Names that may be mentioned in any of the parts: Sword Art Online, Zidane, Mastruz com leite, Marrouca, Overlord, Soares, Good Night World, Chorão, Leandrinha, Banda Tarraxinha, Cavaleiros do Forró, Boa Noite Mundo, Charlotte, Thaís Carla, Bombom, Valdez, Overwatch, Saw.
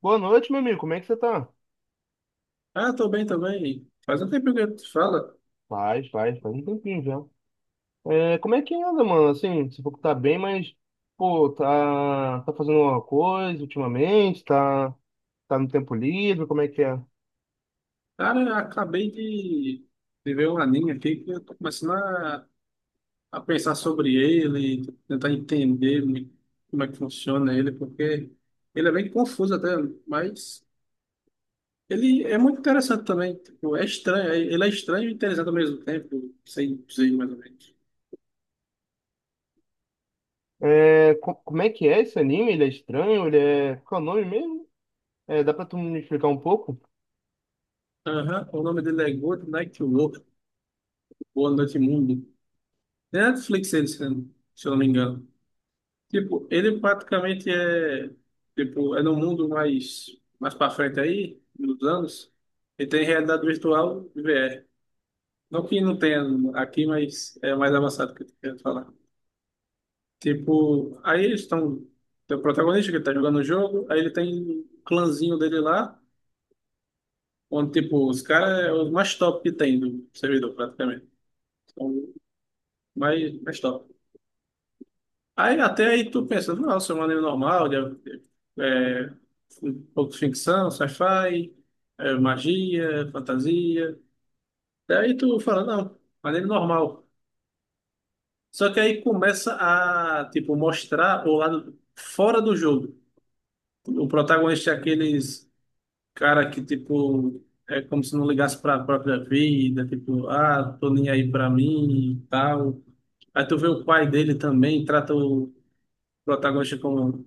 Boa noite, meu amigo. Como é que você tá? Ah, tô bem também. Faz um tempo que eu te falo. Faz um tempinho já. É, como é que anda, mano? Assim, você falou que tá bem, mas, pô, tá fazendo alguma coisa ultimamente? Tá, tá no tempo livre? Como é que é? Cara, eu acabei de ver um anime aqui que eu tô começando a pensar sobre ele, tentar entender como é que funciona ele, porque ele é bem confuso até, mas ele é muito interessante também. Tipo, é estranho, ele é estranho e interessante ao mesmo tempo, sem dizer mais ou menos. É, como é que é esse anime? Ele é estranho? Ele é. Qual é o nome mesmo? É, dá pra tu me explicar um pouco? Aham, o nome dele é Good Night World, Boa Noite Mundo. É Netflix ele, se eu não me engano. Tipo, ele praticamente tipo, é no mundo mais, mais para frente aí, nos anos, e tem realidade virtual e VR. Não que não tenha aqui, mas é mais avançado que eu quero falar. Tipo, aí eles estão, tem o protagonista que tá jogando o jogo, aí ele tem um clãzinho dele lá, onde, tipo, os caras é os mais top que tem do servidor, praticamente. São os mais, mais top. Aí até aí tu pensa, nossa, é um anime normal, é, um pouco de ficção, sci-fi, é, magia, fantasia. Daí tu fala, não, anime normal. Só que aí começa a, tipo, mostrar o lado fora do jogo. O protagonista é aqueles cara que, tipo, é como se não ligasse para a própria vida, tipo, ah, tô nem aí para mim e tal. Aí tu vê o pai dele também, trata o protagonista como.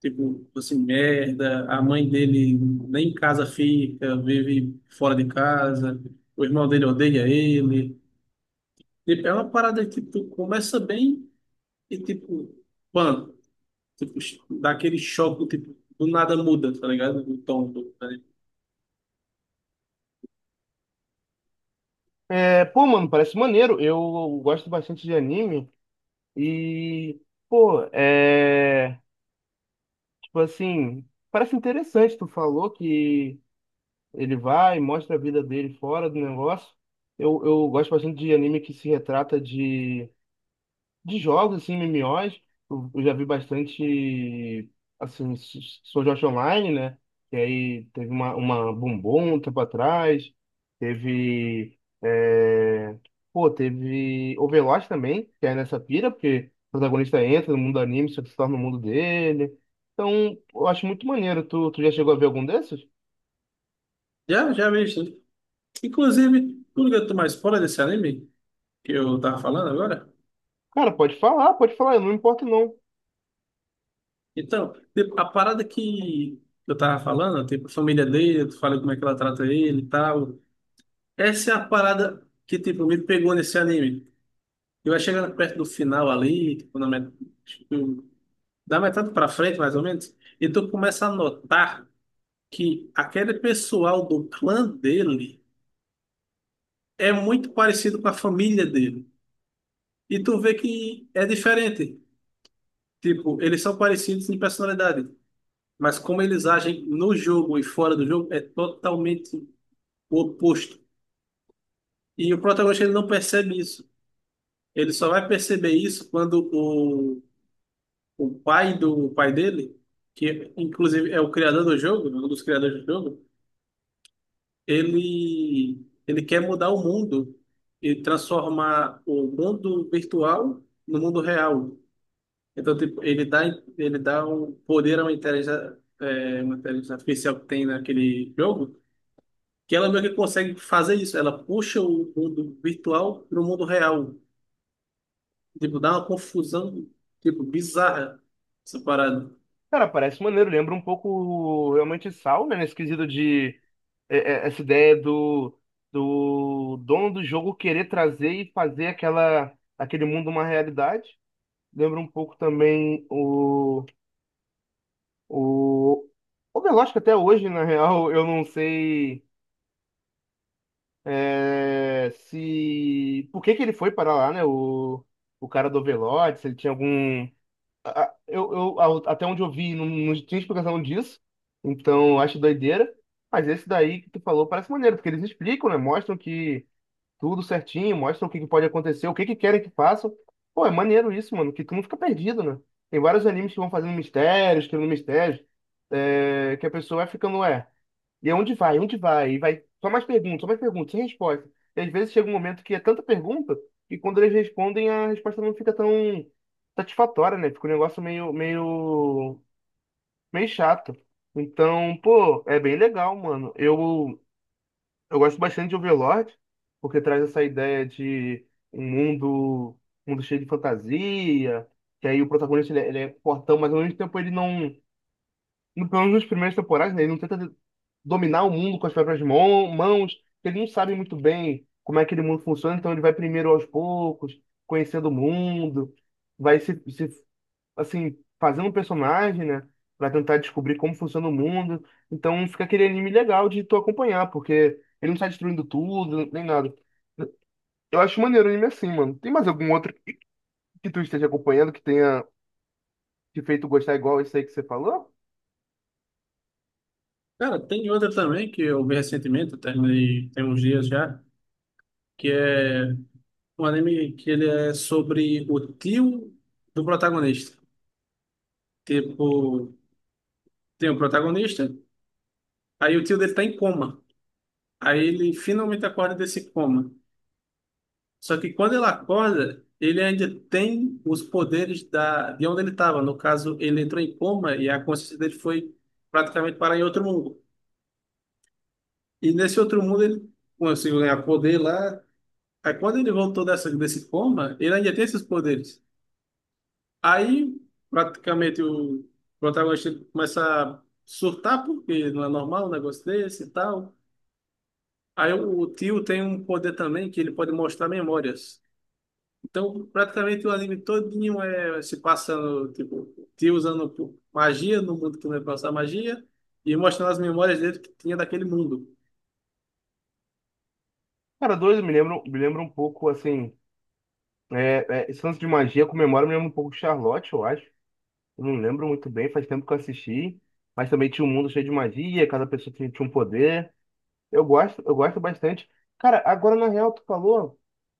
Tipo, assim, merda, a mãe dele nem em casa fica, vive fora de casa, o irmão dele odeia ele. Tipo, é uma parada que tu começa bem e, tipo, mano, tipo, dá aquele choque, tipo, do nada muda, tá ligado? O tom do anime. É, pô, mano, parece maneiro. Eu gosto bastante de anime e, pô, é. Tipo assim, parece interessante. Tu falou que. Ele vai, mostra a vida dele fora do negócio. Eu gosto bastante de anime que se retrata de jogos, assim, MMOs. Eu já vi bastante, assim, Sword Art Online, né? E aí teve uma Bombom um tempo atrás. Teve, é, pô, teve Overwatch também, que é nessa pira, porque o protagonista entra no mundo do anime, só que se torna no mundo dele. Então, eu acho muito maneiro. Tu já chegou a ver algum desses? Já, já vi isso. Inclusive, tu liga tu mais fora desse anime que eu tava falando agora? Cara, pode falar, eu não me importo não. Então, tipo, a parada que eu tava falando, tipo, a família dele, tu fala como é que ela trata ele e tal. Essa é a parada que, tipo, me pegou nesse anime. Eu ia chegando perto do final ali, tipo, na met... tipo, da metade pra frente, mais ou menos, e tu começa a notar que aquele pessoal do clã dele é muito parecido com a família dele. E tu vê que é diferente. Tipo, eles são parecidos em personalidade, mas como eles agem no jogo e fora do jogo é totalmente o oposto. E o protagonista ele não percebe isso. Ele só vai perceber isso quando o pai do o pai dele, que inclusive é o criador do jogo, um dos criadores do jogo, ele ele quer mudar o mundo e transformar o mundo virtual no mundo real. Então, tipo, ele dá um poder a uma inteligência, é, uma inteligência artificial que tem naquele jogo, que ela meio que consegue fazer isso. Ela puxa o mundo virtual para o mundo real. Tipo, dá uma confusão, tipo, bizarra essa parada. Cara, parece maneiro, lembra um pouco realmente Saw, né? Nesse quesito de essa ideia do dono do jogo querer trazer e fazer aquele mundo uma realidade. Lembra um pouco também o Overwatch, que até hoje, na real, eu não sei se. Por que que ele foi para lá, né? O cara do Overwatch, se ele tinha algum até onde eu vi, não tinha explicação disso. Então, eu acho doideira. Mas esse daí que tu falou parece maneiro, porque eles explicam, né? Mostram que tudo certinho, mostram o que que pode acontecer, o que que querem que façam. Pô, é maneiro isso, mano, que tu não fica perdido, né? Tem vários animes que vão fazendo mistérios, criando mistérios, é, que a pessoa vai ficando, ué. E é onde vai? Onde vai? E vai só mais perguntas, sem resposta. E às vezes chega um momento que é tanta pergunta que quando eles respondem a resposta não fica tão satisfatória, né? Fica um negócio meio chato. Então, pô, é bem legal, mano. Eu gosto bastante de Overlord, porque traz essa ideia de um mundo, um mundo cheio de fantasia, que aí o protagonista ele é fortão, mas ao mesmo tempo ele não pelo menos nas primeiras temporadas, né, ele não tenta dominar o mundo com as próprias mãos, ele não sabe muito bem como é que aquele mundo funciona, então ele vai primeiro aos poucos, conhecendo o mundo, vai se assim, fazendo um personagem, né, para tentar descobrir como funciona o mundo. Então fica aquele anime legal de tu acompanhar, porque ele não sai destruindo tudo, nem nada. Eu acho maneiro o anime assim, mano. Tem mais algum outro que tu esteja acompanhando que tenha te feito gostar igual esse aí que você falou? Cara, tem outra também que eu vi recentemente, eu terminei tem uns dias já, que é um anime que ele é sobre o tio do protagonista. Tipo, tem um protagonista, aí o tio dele tá em coma. Aí ele finalmente acorda desse coma. Só que quando ele acorda, ele ainda tem os poderes da, de onde ele estava. No caso, ele entrou em coma e a consciência dele foi praticamente parar em outro mundo. E nesse outro mundo ele conseguiu ganhar poder lá. Aí quando ele voltou desse coma, ele ainda tem esses poderes. Aí, praticamente, o protagonista começa a surtar, porque não é normal um negócio desse e tal. Aí o tio tem um poder também, que ele pode mostrar memórias. Então, praticamente, o anime todinho é se passando, tipo, o tio usando magia no mundo que não é passar magia, e mostrando as memórias dele que tinha daquele mundo. Cara, dois me lembram um pouco, assim, é, é, esse lance de magia comemora mesmo um pouco Charlotte, eu acho. Eu não lembro muito bem, faz tempo que eu assisti. Mas também tinha um mundo cheio de magia, cada pessoa tinha um poder. Eu gosto bastante. Cara, agora na real, tu falou,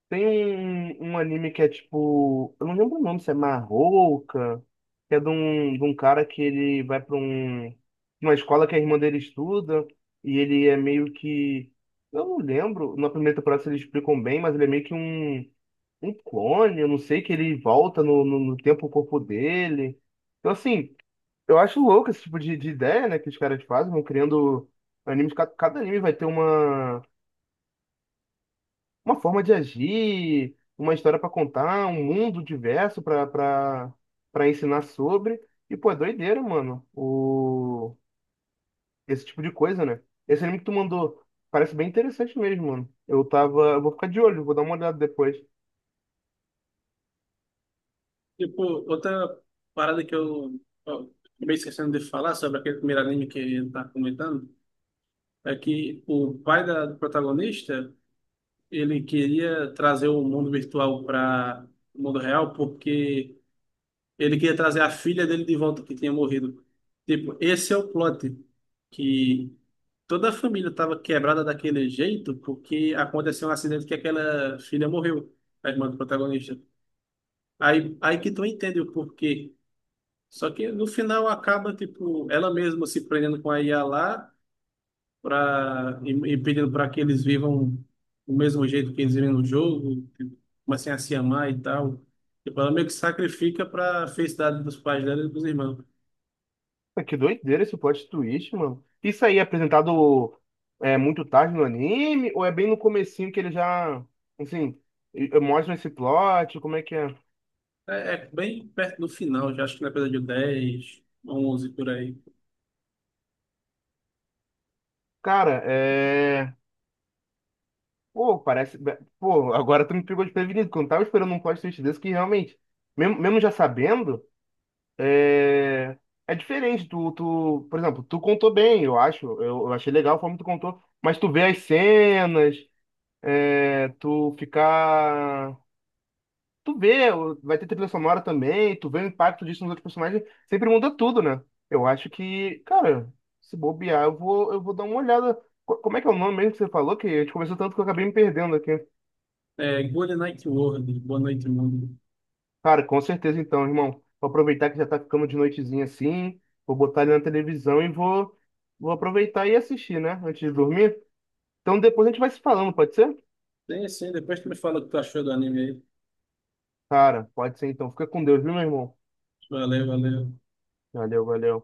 tem um anime que é tipo. Eu não lembro o nome, se é Marrouca, que é de de um cara que ele vai pra um, uma escola que a irmã dele estuda, e ele é meio que. Eu não lembro, na primeira temporada se eles explicam bem, mas ele é meio que um clone, eu não sei que ele volta no tempo o corpo dele. Então, assim, eu acho louco esse tipo de ideia, né, que os caras fazem, vão criando animes, cada anime vai ter uma forma de agir, uma história pra contar, um mundo diverso pra para para ensinar sobre. E, pô, é doideira, mano, esse tipo de coisa, né? Esse anime que tu mandou parece bem interessante mesmo, mano. Eu tava, eu vou ficar de olho, vou dar uma olhada depois. Tipo, outra parada que eu acabei esquecendo de falar sobre aquele primeiro anime que ele tá comentando é que o pai da, do protagonista, ele queria trazer o mundo virtual para o mundo real porque ele queria trazer a filha dele de volta que tinha morrido. Tipo, esse é o plot que toda a família estava quebrada daquele jeito porque aconteceu um acidente que aquela filha morreu, a irmã do protagonista. Aí que tu entende o porquê. Só que no final acaba, tipo, ela mesma se prendendo com a IA lá e pedindo para que eles vivam o mesmo jeito que eles vivem no jogo, tipo, comecem a se amar e tal. Tipo, ela meio que sacrifica para felicidade dos pais dela e dos irmãos. Pô, que doideira esse plot twist, mano. Isso aí é apresentado é, muito tarde no anime, ou é bem no comecinho que ele já, assim, e mostram esse plot, como é que é? É, é bem perto do final, já acho que na coisa 10 11 por aí. Cara, é... Pô, parece... Pô, agora tu me pegou desprevenido, que eu não tava esperando um plot twist desse, que realmente, mesmo já sabendo, é... É diferente, tu, por exemplo, tu contou bem, eu acho, eu achei legal a forma que tu contou, mas tu vê as cenas, é, tu vê, vai ter trilha sonora também, tu vê o impacto disso nos outros personagens, sempre muda tudo, né? Eu acho que, cara, se bobear, eu vou dar uma olhada. Como é que é o nome mesmo que você falou? Que a gente conversou tanto que eu acabei me perdendo aqui. É, Good Night World, Boa Noite Mundo. Cara, com certeza então, irmão. Vou aproveitar que já tá ficando de noitezinha assim, vou botar ele na televisão vou aproveitar e assistir, né? Antes de dormir. Então depois a gente vai se falando, pode ser? Tem sim, depois tu me fala o que tu achou do anime aí. Cara, pode ser então. Fica com Deus, viu, meu irmão? Valeu, valeu. Valeu, valeu.